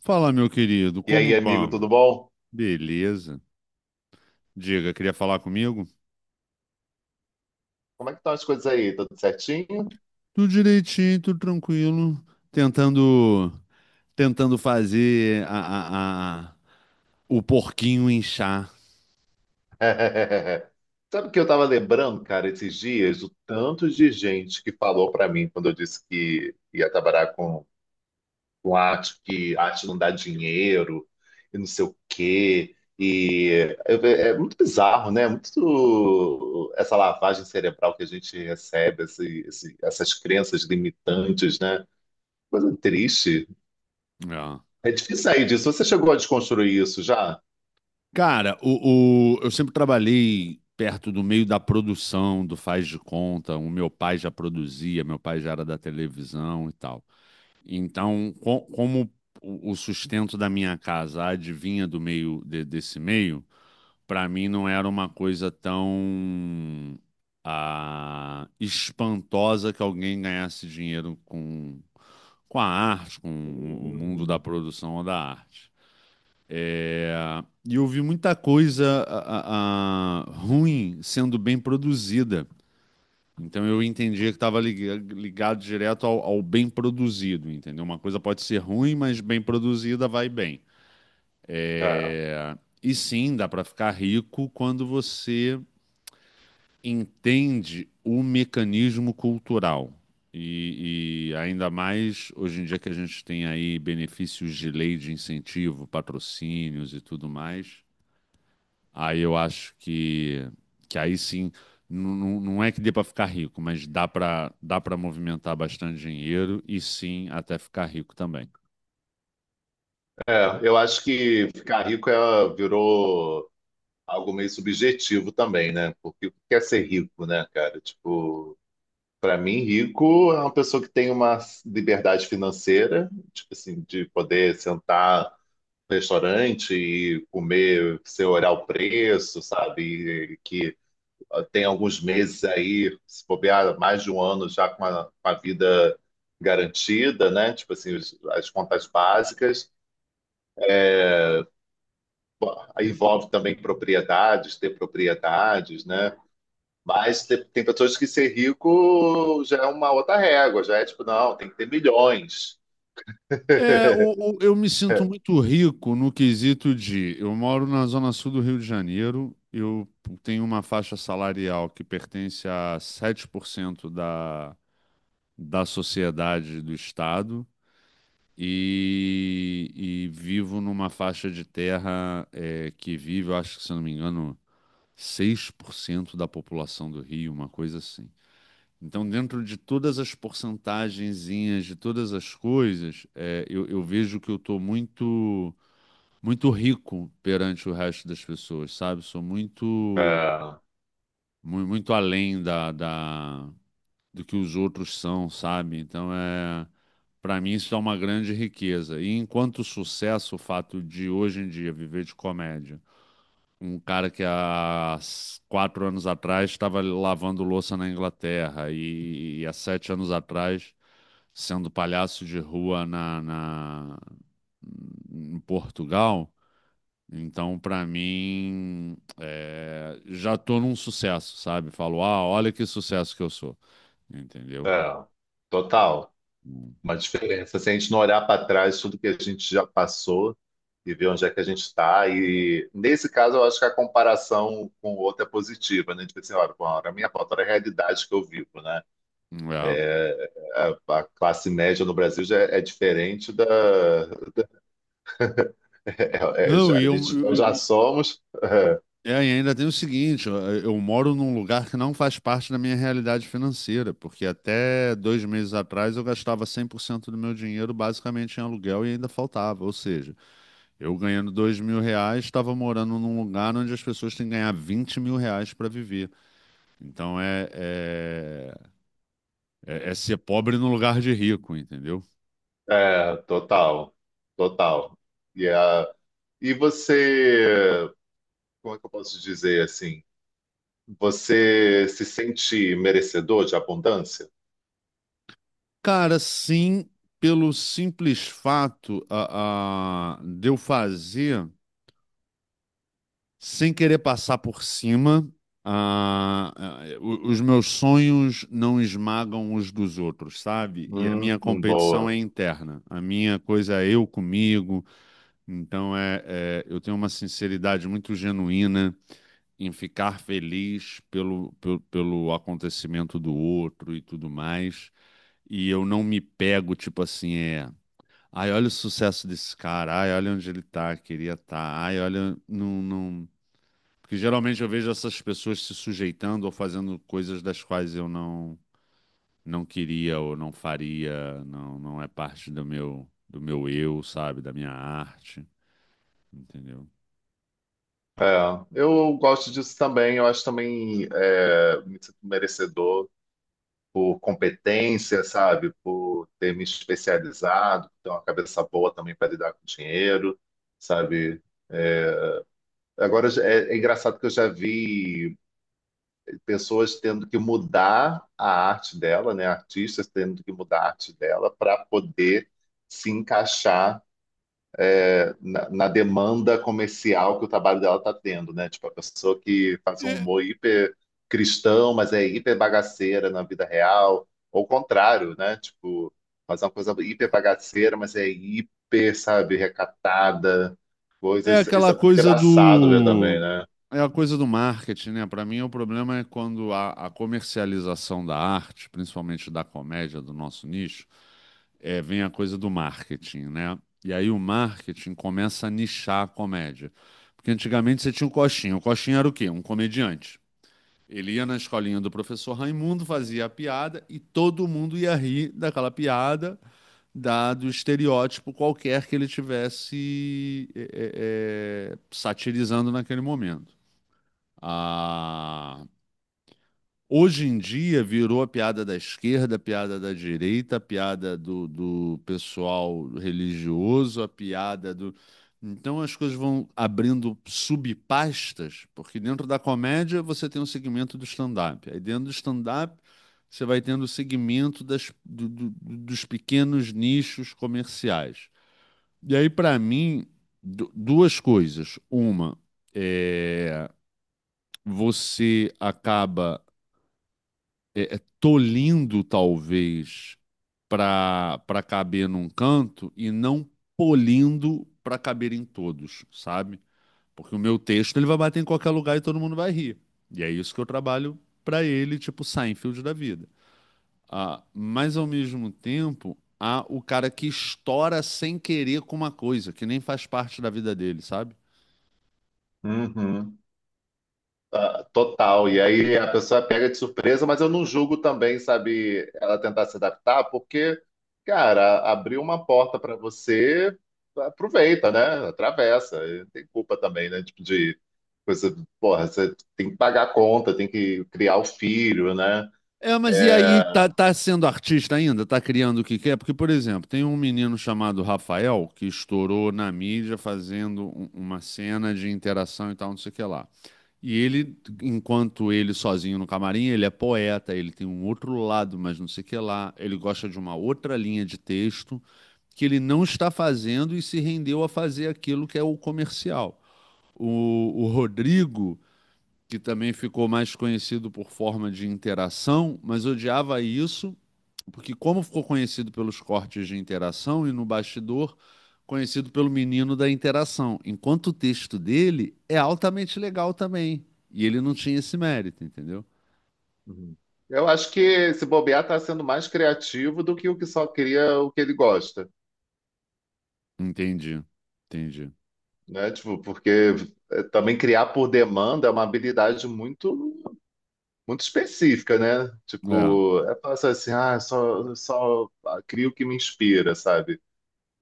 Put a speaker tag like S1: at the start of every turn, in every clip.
S1: Fala, meu querido,
S2: E aí,
S1: como
S2: amigo,
S1: vamos?
S2: tudo bom?
S1: Beleza. Diga, queria falar comigo?
S2: Como é que estão as coisas aí? Tudo certinho?
S1: Tudo direitinho, tudo tranquilo. Tentando, tentando fazer o porquinho inchar.
S2: Sabe o que eu estava lembrando, cara, esses dias, o tanto de gente que falou para mim quando eu disse que ia trabalhar com arte, que arte não dá dinheiro e não sei o quê. E é muito bizarro, né? Muito essa lavagem cerebral que a gente recebe, essas crenças limitantes, né? Coisa triste.
S1: É.
S2: É difícil sair disso. Você chegou a desconstruir isso já?
S1: Cara, eu sempre trabalhei perto do meio da produção, do faz de conta. O meu pai já produzia, meu pai já era da televisão e tal. Então, como o sustento da minha casa advinha do meio desse meio para mim não era uma coisa tão espantosa que alguém ganhasse dinheiro com a arte, com o mundo
S2: Hum.
S1: da produção ou da arte. É, e eu vi muita coisa ruim sendo bem produzida. Então eu entendia que estava ligado direto ao bem produzido, entendeu? Uma coisa pode ser ruim, mas bem produzida vai bem.
S2: É,
S1: E sim, dá para ficar rico quando você entende o mecanismo cultural. E ainda mais hoje em dia que a gente tem aí benefícios de lei de incentivo, patrocínios e tudo mais, aí eu acho que aí sim, não é que dê para ficar rico, mas dá para movimentar bastante dinheiro e sim até ficar rico também.
S2: eu acho que ficar rico, virou algo meio subjetivo também, né? Porque o que é ser rico, né, cara? Tipo, para mim, rico é uma pessoa que tem uma liberdade financeira, tipo assim, de poder sentar no restaurante e comer sem olhar o preço, sabe? E que tem alguns meses aí, se bobear, mais de um ano já com a vida garantida, né? Tipo assim, as contas básicas. Aí envolve também propriedades, ter propriedades, né? Mas tem pessoas que ser rico já é uma outra régua, já é tipo, não, tem que ter milhões.
S1: É, eu me sinto muito rico no quesito de eu moro na zona sul do Rio de Janeiro, eu tenho uma faixa salarial que pertence a 7% da sociedade do estado e vivo numa faixa de terra é, que vive, eu acho que se eu não me engano, 6% da população do Rio, uma coisa assim. Então, dentro de todas as porcentagenzinhas, de todas as coisas, é, eu vejo que eu estou muito, muito rico perante o resto das pessoas, sabe? Sou muito,
S2: É,
S1: muito além do que os outros são, sabe? Então, é, para mim, isso é uma grande riqueza. E enquanto sucesso, o fato de hoje em dia viver de comédia um cara que há 4 anos atrás estava lavando louça na Inglaterra e há 7 anos atrás sendo palhaço de rua em Portugal. Então, para mim, é, já tô num sucesso, sabe? Falo, ah, olha que sucesso que eu sou, entendeu?
S2: é, total.
S1: Hum.
S2: Uma diferença. Se a gente não olhar para trás tudo que a gente já passou e ver onde é que a gente está. E nesse caso, eu acho que a comparação com o outro é positiva, né? Tipo assim, olha, bom, a minha foto era a realidade que eu vivo, né?
S1: É.
S2: A classe média no Brasil já é diferente da.
S1: Não,
S2: Já, nós já somos.
S1: é, e ainda tem o seguinte, eu moro num lugar que não faz parte da minha realidade financeira, porque até 2 meses atrás eu gastava 100% do meu dinheiro basicamente em aluguel e ainda faltava. Ou seja, eu ganhando 2 mil reais, estava morando num lugar onde as pessoas têm que ganhar 20 mil reais para viver. Então é ser pobre no lugar de rico, entendeu?
S2: É, total, total. E, a, e você, como é que eu posso dizer assim? Você se sente merecedor de abundância?
S1: Cara, sim, pelo simples fato de eu fazer. Sem querer passar por cima, os meus sonhos não esmagam os dos outros, sabe? E a minha competição
S2: Boa.
S1: é interna. A minha coisa é eu comigo. Então é, é, eu tenho uma sinceridade muito genuína em ficar feliz pelo acontecimento do outro e tudo mais. E eu não me pego, tipo assim, é. Ai, olha o sucesso desse cara. Ai, olha onde ele tá, queria estar. Ai, olha, não, não. Porque geralmente eu vejo essas pessoas se sujeitando ou fazendo coisas das quais eu não queria ou faria, não é parte do meu eu, sabe, da minha arte, entendeu?
S2: É, eu gosto disso também. Eu acho também, me sinto merecedor por competência, sabe? Por ter me especializado, por ter uma cabeça boa também para lidar com dinheiro, sabe? Agora é engraçado que eu já vi pessoas tendo que mudar a arte dela, né? Artistas tendo que mudar a arte dela para poder se encaixar na demanda comercial que o trabalho dela está tendo, né? Tipo, a pessoa que faz um
S1: É.
S2: humor hiper cristão, mas é hiper bagaceira na vida real, ou o contrário, né? Tipo, faz uma coisa hiper bagaceira, mas é hiper, sabe, recatada,
S1: É
S2: coisas. Isso
S1: aquela
S2: é muito
S1: coisa
S2: engraçado ver também,
S1: do.
S2: né?
S1: É a coisa do marketing, né? Para mim, o problema é quando a comercialização da arte, principalmente da comédia, do nosso nicho, é, vem a coisa do marketing, né? E aí o marketing começa a nichar a comédia. Porque antigamente você tinha o Coxinha. O Coxinha era o quê? Um comediante. Ele ia na escolinha do professor Raimundo, fazia a piada e todo mundo ia rir daquela piada dado estereótipo qualquer que ele tivesse é, é, é, satirizando naquele momento. Ah, hoje em dia virou a piada da esquerda, a piada da direita, a piada do pessoal religioso, a piada do. Então as coisas vão abrindo subpastas, porque dentro da comédia você tem um segmento do stand-up. Aí dentro do stand-up você vai tendo o segmento das, dos pequenos nichos comerciais. E aí, para mim, duas coisas. Uma, é, você acaba é, é, tolindo, talvez, para caber num canto e não polindo para caber em todos, sabe? Porque o meu texto ele vai bater em qualquer lugar e todo mundo vai rir. E é isso que eu trabalho para ele, tipo Seinfeld da vida. Ah, mas, ao mesmo tempo, há o cara que estoura sem querer com uma coisa, que nem faz parte da vida dele, sabe?
S2: Uhum. Ah, total. E aí a pessoa pega de surpresa, mas eu não julgo também, sabe, ela tentar se adaptar, porque, cara, abriu uma porta para você, aproveita, né? Atravessa. E não tem culpa também, né? Tipo de coisa, porra, você tem que pagar a conta, tem que criar o filho, né?
S1: É, mas e aí
S2: É,
S1: tá, tá sendo artista ainda? Tá criando o que quer? Porque, por exemplo, tem um menino chamado Rafael que estourou na mídia fazendo uma cena de interação e tal, não sei o que lá. E ele, enquanto ele sozinho no camarim, ele é poeta, ele tem um outro lado, mas não sei o que lá. Ele gosta de uma outra linha de texto que ele não está fazendo e se rendeu a fazer aquilo que é o comercial. O Rodrigo que também ficou mais conhecido por forma de interação, mas odiava isso, porque como ficou conhecido pelos cortes de interação e no bastidor, conhecido pelo menino da interação, enquanto o texto dele é altamente legal também, e ele não tinha esse mérito, entendeu?
S2: uhum. Eu acho que esse bobear tá sendo mais criativo do que o que só cria o que ele gosta,
S1: Entendi, entendi.
S2: né? Tipo, porque também criar por demanda é uma habilidade muito específica, né?
S1: É,
S2: Tipo, é passar assim, ah, só crio o que me inspira, sabe?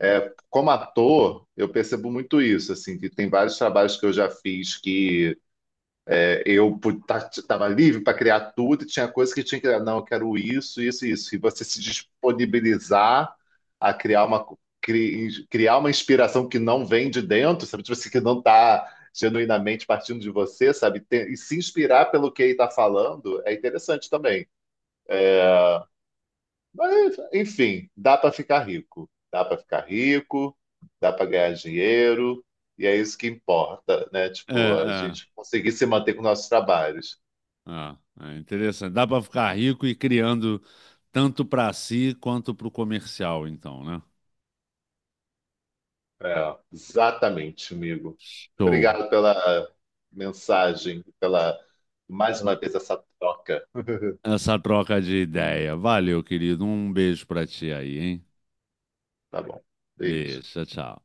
S2: É, como ator, eu percebo muito isso, assim, que tem vários trabalhos que eu já fiz que eu estava livre para criar tudo, e tinha coisas que tinha que criar. Não, eu quero isso, isso, isso. E você se disponibilizar a criar criar uma inspiração que não vem de dentro, sabe? Tipo assim, que não está genuinamente partindo de você, sabe? E se inspirar pelo que ele está falando é interessante também. Mas, enfim, dá para ficar rico. Dá para ficar rico, dá para ganhar dinheiro, e é isso que importa, né? Tipo, a
S1: é,
S2: gente conseguir se manter com nossos trabalhos.
S1: é interessante. Dá para ficar rico e criando tanto para si quanto para o comercial, então, né?
S2: É, exatamente, amigo.
S1: Show.
S2: Obrigado pela mensagem, pela mais uma vez essa troca.
S1: Essa troca de ideia. Valeu, querido. Um beijo pra ti aí, hein?
S2: Tá bom. Beijo.
S1: Beijo, tchau, tchau.